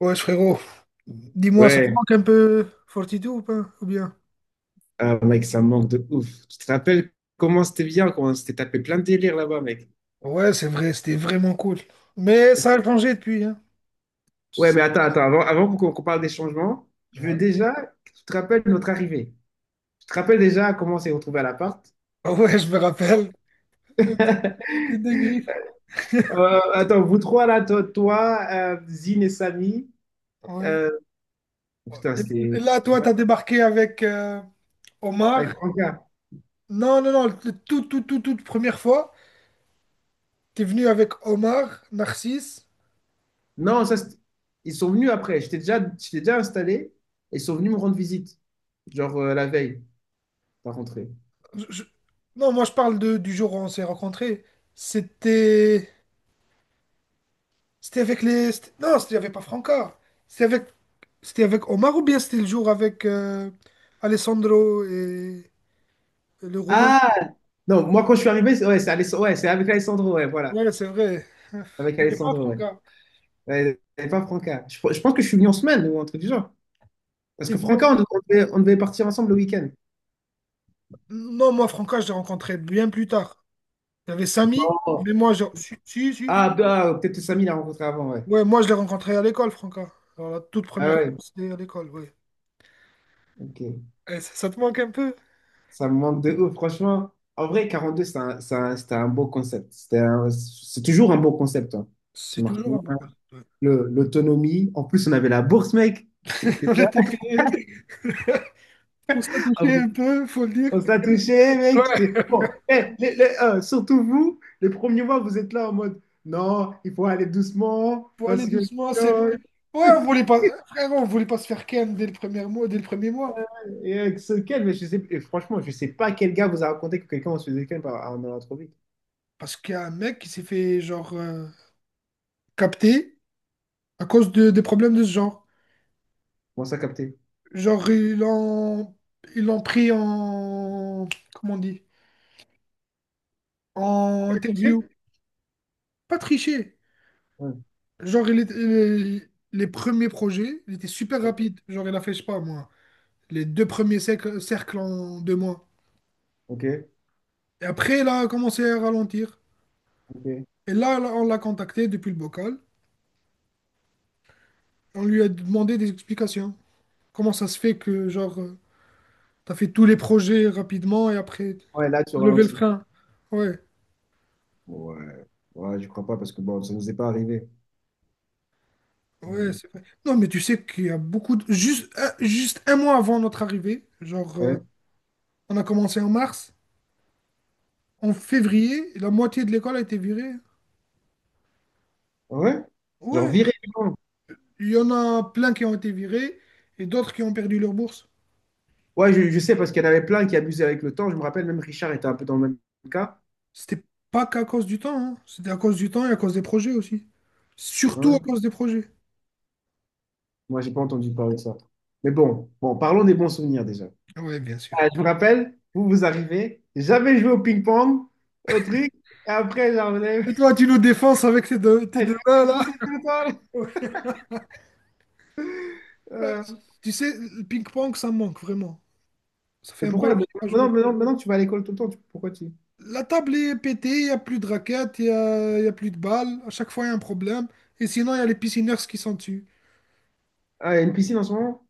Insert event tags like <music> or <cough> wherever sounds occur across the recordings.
Ouais, frérot, dis-moi, ça te Ouais, manque un peu Fortitude ou pas? Ou bien? ah, mec, ça me manque de ouf. Tu te rappelles comment c'était bien, comment on s'était tapé plein de délires là-bas, mec. Ouais, c'est vrai, c'était vraiment cool. Mais ça a changé depuis, hein. Ouais, mais attends, avant qu'on parle des changements, je veux Ouais. déjà que tu te rappelles notre arrivée. Tu te rappelles déjà comment on s'est retrouvés à l'appart? Ah ouais, je me rappelle. <laughs> Les deux griffes. Attends, vous trois là, toi, Zine et Samy. Ouais. euh, Putain, Et là, toi, t'as débarqué avec Omar. avec Franca. Non, non, non, toute première fois, t'es venu avec Omar, Narcisse. Non, ils sont venus après. J'étais déjà installé et ils sont venus me rendre visite, genre la veille, pas rentré. Je- je- Non, moi, je parle de, du jour où on s'est rencontrés. C'était. C'était avec les. Non, il n'y avait pas Franca. C'était avec. C'était avec Omar ou bien c'était le jour avec Alessandro et le Roumain? Ah! Non, moi, quand je suis arrivé, c'est ouais, c'est ouais, c'est avec Alessandro, ouais, voilà. Ouais, c'est vrai. <laughs> Avec Je l'ai pas Alessandro, ouais. Franca. Ouais, et pas Franca. Je pense que je suis venu en semaine ou un truc du genre. Parce T'es que venu. Franca, on devait partir ensemble le week-end. Non, moi, Franca, je l'ai rencontré bien plus tard. Il y avait Samy, Non. mais moi. Si, si, si. Ah, bah, peut-être que Samy l'a rencontré avant, ouais. Ouais, moi, je l'ai rencontré à l'école, Franca. Alors, la toute Ah première fois, ouais, c'était à l'école, ouais. ok. Eh, ça te manque un peu? Ça me manque de ouf, franchement. En vrai, 42, c'était un beau concept. C'est toujours un beau concept, hein. C'est Smart. toujours un bon pote, ouais. L'autonomie. En plus, on avait la bourse, mec. <laughs> On C'est était payé pour se ça. toucher un peu, faut le dire. On se l'a touché, mec. Ouais, Bon, eh, surtout vous, les premiers mois, vous êtes là en mode, non, il faut aller doucement, faut aller parce que <laughs> doucement, sérieux. sinon, Ouais, on voulait pas. Frère, on voulait pas se faire ken dès le premier mois, dès le premier mois. et avec ce calme, mais je sais, et franchement, je sais pas quel gars vous a raconté que quelqu'un se faisait calme en allant trop vite. Parce qu'il y a un mec qui s'est fait genre capter à cause de, des problèmes de ce genre. Comment ça capter? Genre, ils l'ont pris en. Comment on dit? En interview. Pas triché. Ouais, Genre, les premiers projets, il était super ouais. rapide. Genre, il a fait, je sais pas moi, les deux premiers cercles en deux mois. Ok, Et après, il a commencé à ralentir. ok. Et là, on l'a contacté depuis le bocal. On lui a demandé des explications. Comment ça se fait que, genre, t'as fait tous les projets rapidement et après. Ouais, là, tu Lever le ralentis. frein. Ouais, Ouais, ouais, je crois pas parce que bon, ça nous est pas arrivé. ouais, Mm. c'est vrai. Non, mais tu sais qu'il y a beaucoup de. Juste, juste un mois avant notre arrivée, genre, Ouais, on a commencé en mars, en février, la moitié de l'école a été virée. ouais. Genre Ouais, virer du camp. il y en a plein qui ont été virés et d'autres qui ont perdu leur bourse. Ouais, je sais parce qu'il y en avait plein qui abusaient avec le temps. Je me rappelle, même Richard était un peu dans le même cas. C'était pas qu'à cause du temps, hein. C'était à cause du temps et à cause des projets aussi. Surtout à Ouais. cause des projets. Moi, j'ai pas entendu parler de ça. Mais bon, parlons des bons souvenirs déjà. Ouais, bien sûr. Ah, je vous rappelle, vous vous arrivez, j'avais joué au ping-pong, au truc, et après, genre, Et <laughs> toi, tu nous défenses avec tes deux, tes elle deux m'a mains, là? défoncé <laughs> tout le temps. Ouais. Euh, Euh, Tu sais, le ping-pong, ça me manque vraiment. Ça fait mais un bail pourquoi? que je n'ai pas joué. Maintenant, tu vas à l'école tout le temps. Pourquoi tu... La table est pétée, il n'y a plus de raquettes, il n'y a plus de balles. À chaque fois, il y a un problème. Et sinon, il y a les piscineurs qui sont dessus. Ah, il y a une piscine en ce moment?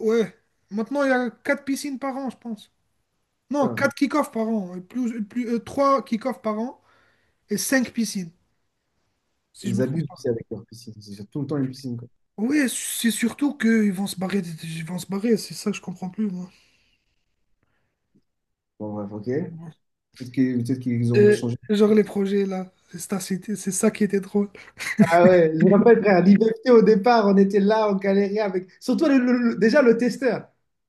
Ouais. Maintenant, il y a 4 piscines par an, je pense. Non, Putain, 4 kick-offs par an. Et plus, 3 kick-offs par an et cinq piscines, si je ils me trompe abusent pas. aussi avec leur piscine. C'est tout le temps une piscine, quoi. Oui, c'est surtout qu'ils vont se barrer. Ils vont se barrer, c'est ça que je comprends plus, moi. Bon, bref, ok. Peut-être peut-être qu'ils ont Et, changé. genre les projets, là. C'est ça, c'est ça qui était drôle. Ah ouais, je me rappelle, frère, l'IVFT, au départ, on était là, on galérait avec... Surtout déjà le testeur.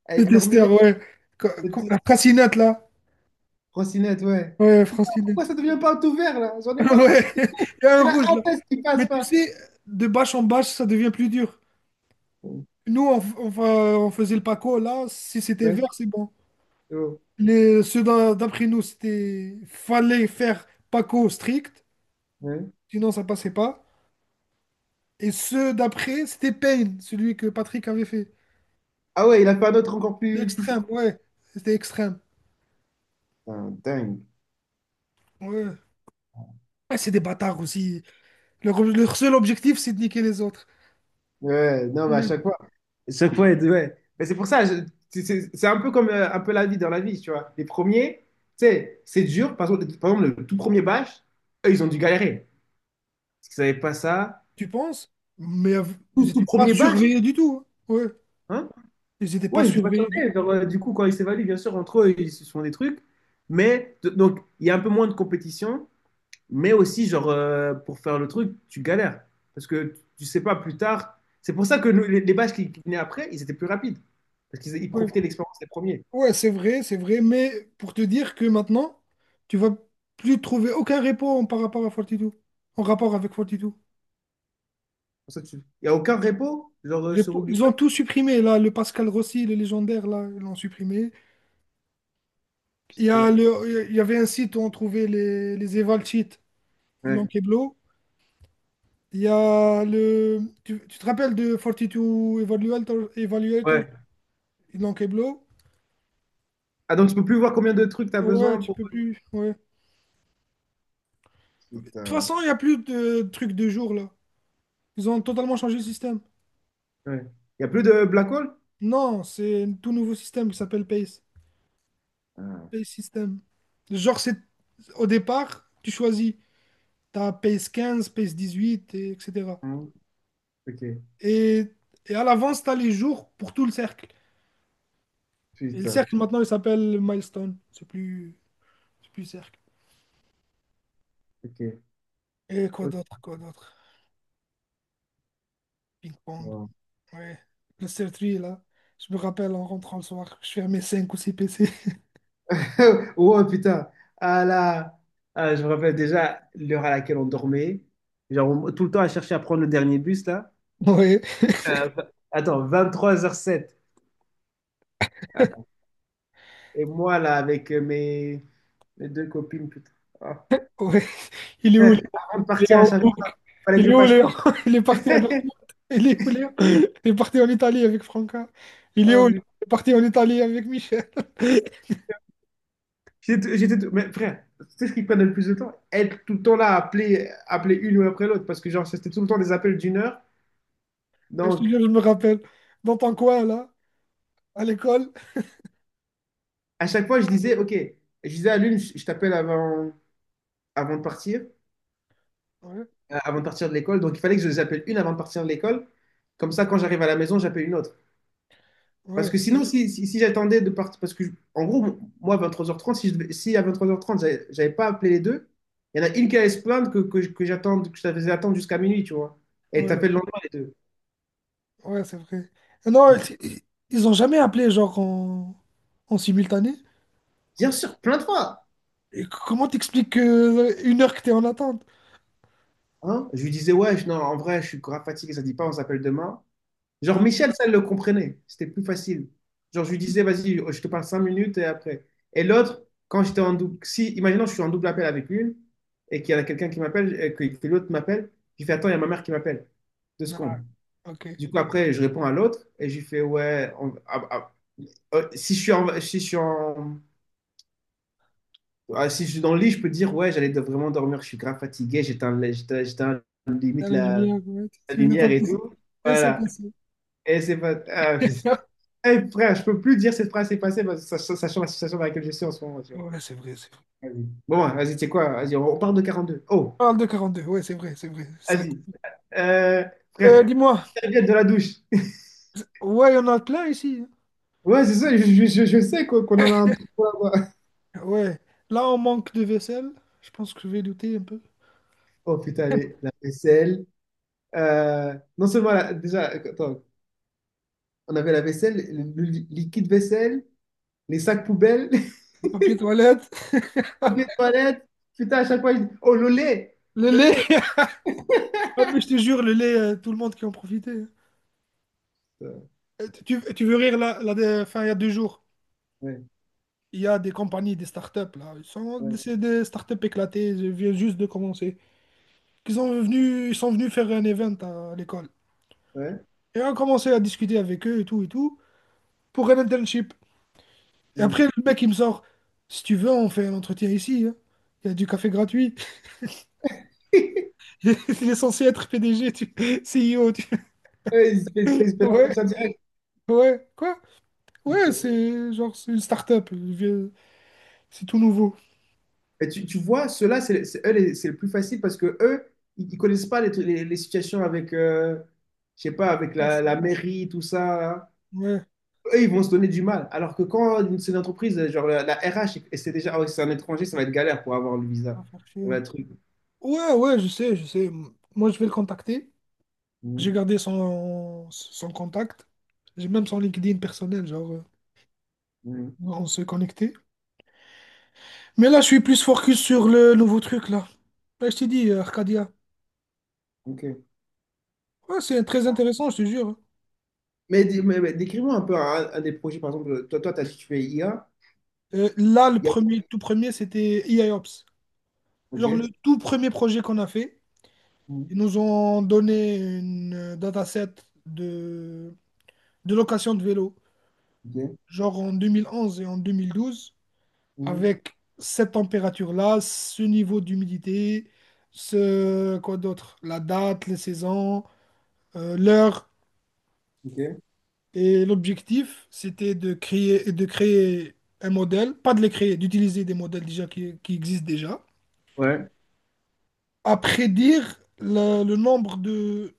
Eh, Les Norminet, testeurs, ouais. Francinette, là. Trottinette, ouais. Ouais, Pourquoi Francinette. ça devient pas tout vert, là? J'en <laughs> ai marre. Ouais. <laughs> Il y a un Il y en rouge, a un test qui passe mais tu pas. sais, de bâche en bâche, ça devient plus dur. Nous, on, f- on fa- on faisait le Paco, là, si c'était vert, Ouais, c'est bon. c'est bon. Ceux d'après nous, c'était. Fallait faire Paco strict, Ouais. sinon ça passait pas. Et ceux d'après, c'était Payne, celui que Patrick avait fait. Ah ouais, il a fait un autre encore plus, plus chaud. L'extrême, ouais. C'était extrême. Putain, dingue. Ouais. Ouais, c'est des bâtards aussi. Leur seul objectif, c'est de niquer les autres. Ouais, non, mais à Ouais. chaque fois. À chaque fois, ouais. Mais c'est pour ça, c'est un peu comme un peu la vie dans la vie, tu vois. Les premiers, tu sais, c'est dur. Par exemple, le tout premier bâche, eux, ils ont dû galérer. Parce qu'ils savaient pas ça. Tu penses? Mais ils Tout, tout n'étaient pas premier bâche, surveillés du tout, hein. Ouais. hein? Ils n'étaient pas Ouais, ils se surveillés du tout, bachaient. Genre, du coup, quand ils s'évaluent, bien sûr, entre eux, ils se font des trucs. Mais, donc, il y a un peu moins de compétition. Mais aussi, genre, pour faire le truc, tu galères. Parce que tu sais pas plus tard. C'est pour ça que nous, les batchs qui venaient après, ils étaient plus rapides. Parce qu'ils ouais. profitaient de l'expérience des premiers. Ouais, c'est vrai, mais pour te dire que maintenant, tu vas plus trouver aucun repo par rapport à Fortitude, en rapport avec Fortitude. Pour ça, tu... Il n'y a aucun repo, genre, sur Ils ont GitHub. tout supprimé, là, le Pascal Rossi, le légendaire, là, ils l'ont supprimé. Putain. Il y avait un site où on trouvait les Eval Cheats, ils l'ont Ouais. keblo. Il y a le, tu te rappelles de Fortitude Evaluator, Ouais. ils l'ont keblo. Ah, donc tu peux plus voir combien de trucs tu as Ouais, besoin tu pour. peux plus, ouais. De toute Putain. façon, il n'y a plus de trucs de jour, là. Ils ont totalement changé le système. Ouais. Il n'y a plus de black hole? Non, c'est un tout nouveau système qui s'appelle PACE. Ah. PACE System. Genre, c'est au départ, tu choisis. Tu as PACE 15, PACE 18, et etc. Hein. Ok. Et, et à l'avance, tu as les jours pour tout le cercle. Et le Putain. cercle, maintenant, il s'appelle Milestone. C'est plus cercle. Ok. Et quoi Ok. d'autre, quoi d'autre? Ping-pong. Wow. Ouais. Le circuit là. Je me rappelle en rentrant le soir, je fermais 5 ou 6 PC. <laughs> <laughs> Oh putain, à la... ah, je me rappelle déjà l'heure à laquelle on dormait. Genre, tout le temps à chercher à prendre le dernier bus, là. Ouais, Euh, v- attends, 23h07. Et moi, là, avec mes deux copines, putain. Ah. ouais. Il est où? Frère, avant de partir à Léo, chaque fois, il fallait que il je est où fasse. Léon? <laughs> Il est parti à <laughs> Dortmund. Il est où Léon? Il est parti en Italie avec Franca. Il est Oh, où? Il putain. est parti en Italie avec Michel. <laughs> Mais frère, tu sais ce qui prenait le plus de temps? Être tout le temps là, à appeler une ou après l'autre. Parce que, genre, c'était tout le temps des appels d'une heure. Je te Donc, jure, je me rappelle. Dans ton coin, là, à l'école. à chaque fois, je disais, OK, je disais à l'une, je t'appelle avant. avant de partir, Ouais, avant de partir de l'école. Donc, il fallait que je les appelle une avant de partir de l'école. Comme ça, quand j'arrive à la maison, j'appelle une autre. Parce ouais, que sinon, si j'attendais de partir, parce que, en gros, moi, à 23h30, si, si à 23h30, j'avais pas appelé les deux, il y en a une qui allait se plaindre que j'attende, que je la faisais attendre jusqu'à minuit, tu vois. Et elle ouais, t'appelle le lendemain, les deux. ouais, c'est vrai. Je Non, dis, ils ils ont jamais appelé, genre, en simultané. bien sûr, plains-toi. Et comment t'expliques une heure que t'es en attente? Hein? Je lui disais, ouais, non, en vrai, je suis grave fatigué, ça dit pas, on s'appelle demain. Genre, Ah, Michel, ça, elle le comprenait. C'était plus facile. Genre, je lui disais, vas-y, oh, je te parle cinq minutes et après. Et l'autre, quand j'étais en double, si, imaginons, je suis en double appel avec une et qu'il y en a quelqu'un qui m'appelle et que l'autre m'appelle, j'ai fait attends, il y a ma mère qui m'appelle. Deux ah, secondes. ok. Du coup, après, je réponds à l'autre et j'ai fait ouais, ah, ah, si je suis en, si je suis en, ah, si je suis dans le lit, je peux dire, ouais, vraiment dormir, je suis grave fatigué, j'éteins T'as limite la lumière, ouais, la tu veux lumière ton et petit- tout. Et c'est Voilà. passé. Et c'est pas. Ah, putain. <laughs> Eh, frère, je peux plus dire cette phrase est passée, parce que sachant la situation dans laquelle je suis en ce moment, tu vois. Ouais, c'est vrai, c'est vrai. Vas-y. Bon, ouais, vas-y, tu sais quoi? Vas-y, on parle de 42. Oh, Parle de 42, ouais, c'est vrai, c'est vrai. Ça- vas-y. Euh, Euh, frère, dis-moi, serviette de la douche. <laughs> ouais, il y en a plein ici. Ouais, c'est ça, je sais qu'on en a un peu là-bas. Ouais, là, on manque de vaisselle. Je pense que je vais douter un peu. Oh putain, la vaisselle. Non seulement, déjà, attends, on avait la vaisselle, le liquide vaisselle, les sacs poubelles, <laughs> les Papier toilette, <laughs> toilette. Putain, à chaque fois, je dis, oh, le lait, le le lait. lait. Ah, mais je te jure, le lait, tout le monde qui en profitait, hein. Euh, Tu veux rire, là, enfin, il y a deux jours, Ouais, il y a des compagnies, des startups, là. Ouais, C'est des startups éclatées, je viens juste de commencer. Ils sont venus faire un event à l'école. ouais. Et on a commencé à discuter avec eux et tout pour un internship. Et Mm. après, le mec, il me sort, si tu veux, on fait un entretien ici, hein. Il y a du café gratuit. <laughs> <laughs> Il est censé être PDG. CEO. Ouais, ils <laughs> se fait Ouais, l'entretien direct. ouais, quoi? Ouais, c'est genre, c'est une start-up. C'est tout nouveau. Et tu vois, ceux-là, eux, c'est le plus facile parce que eux, ils connaissent pas les situations avec, je sais pas, avec Ah, la mairie, tout ça. Ouais, Eux, ils vont se donner du mal. Alors que quand c'est une entreprise, genre la RH, et c'est déjà, ah ouais, c'est un étranger, ça va être galère pour avoir le ça visa. va faire chier, Ça va ouais, être truc. ouais, ouais, je sais, je sais. Moi, je vais le contacter. J'ai Mhm, gardé son contact. J'ai même son LinkedIn personnel, genre, mhm, on s'est connecté. Mais là, je suis plus focus sur le nouveau truc, là. Ouais, je t'ai dit, Arcadia. ok. Ouais, c'est très intéressant, je te jure. Mais, décris-moi un peu un des projets, par exemple, toi, t'as dit que tu fais IA. Là, IA, le tout premier, c'était EIOps. ok. Genre le tout premier projet qu'on a fait, Mhm, ils nous ont donné une dataset de, de location de vélo, ok. genre en 2011 et en 2012, Mhm, avec cette température-là, ce niveau d'humidité, ce quoi d'autre, la date, les saisons, l'heure. ok. Et l'objectif, c'était de créer un modèle, pas de les créer, d'utiliser des modèles déjà qui existent déjà Ouais. à prédire le nombre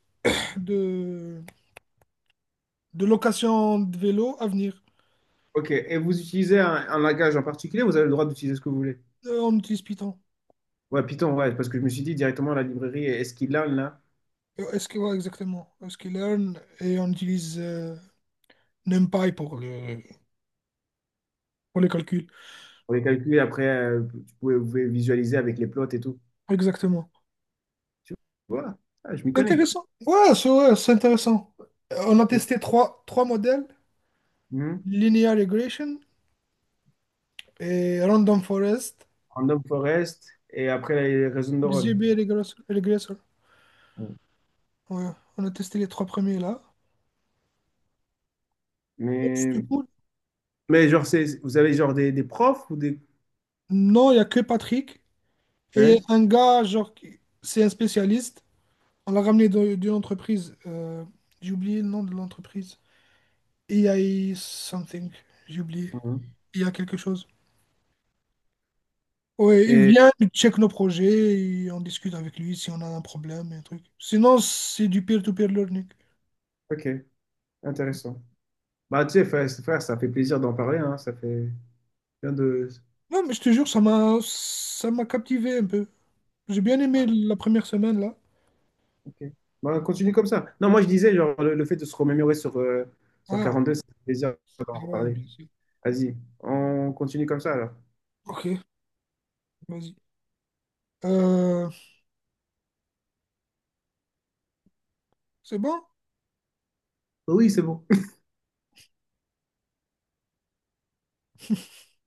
de, de locations de vélos à venir. Ok, et vous utilisez un langage en particulier, vous avez le droit d'utiliser ce que vous voulez. On utilise Python. Ouais, Python, ouais, parce que je me suis dit directement la librairie, est-ce qu'il a là? SQL exactement. Est-ce qu'il learn et on utilise NumPy pour les calculs. Pour les calculs, après, vous pouvez visualiser avec les plots et tout. Exactement. Tu vois, ah, je m'y connais. Intéressant. Ouais, c'est intéressant. On a testé trois modèles, Mhm. Linear Regression et Random Forest, Random forest et après les réseaux de neurones. XGB Regressor. Ouais, on a testé les trois premiers là. Oh, c'était Mais, cool. mais, genre, c'est, vous avez genre des profs ou des. Non, il n'y a que Patrick. Et Ouais. un gars, genre, c'est un spécialiste. On l'a ramené d'une entreprise. J'ai oublié le nom de l'entreprise. AI something. J'ai oublié. Mhm. Il y a quelque chose. Ouais, il Et, vient, il check nos projets, et on discute avec lui si on a un problème et un truc. Sinon, c'est du peer-to-peer learning. ok, intéressant. Bah, tu sais, frère, frère, ça fait plaisir d'en parler, hein, ça fait bien de. Non, mais je te jure, ça m'a captivé un peu. J'ai bien aimé la première semaine, là. Ok. Bah, continue comme ça. Non, moi je disais, genre, le fait de se remémorer sur, sur Ah, 42, c'est un plaisir d'en ouais, reparler. bien sûr. Vas-y, on continue comme ça alors. Ok, vas-y. Euh, c'est bon? Oui, c'est bon.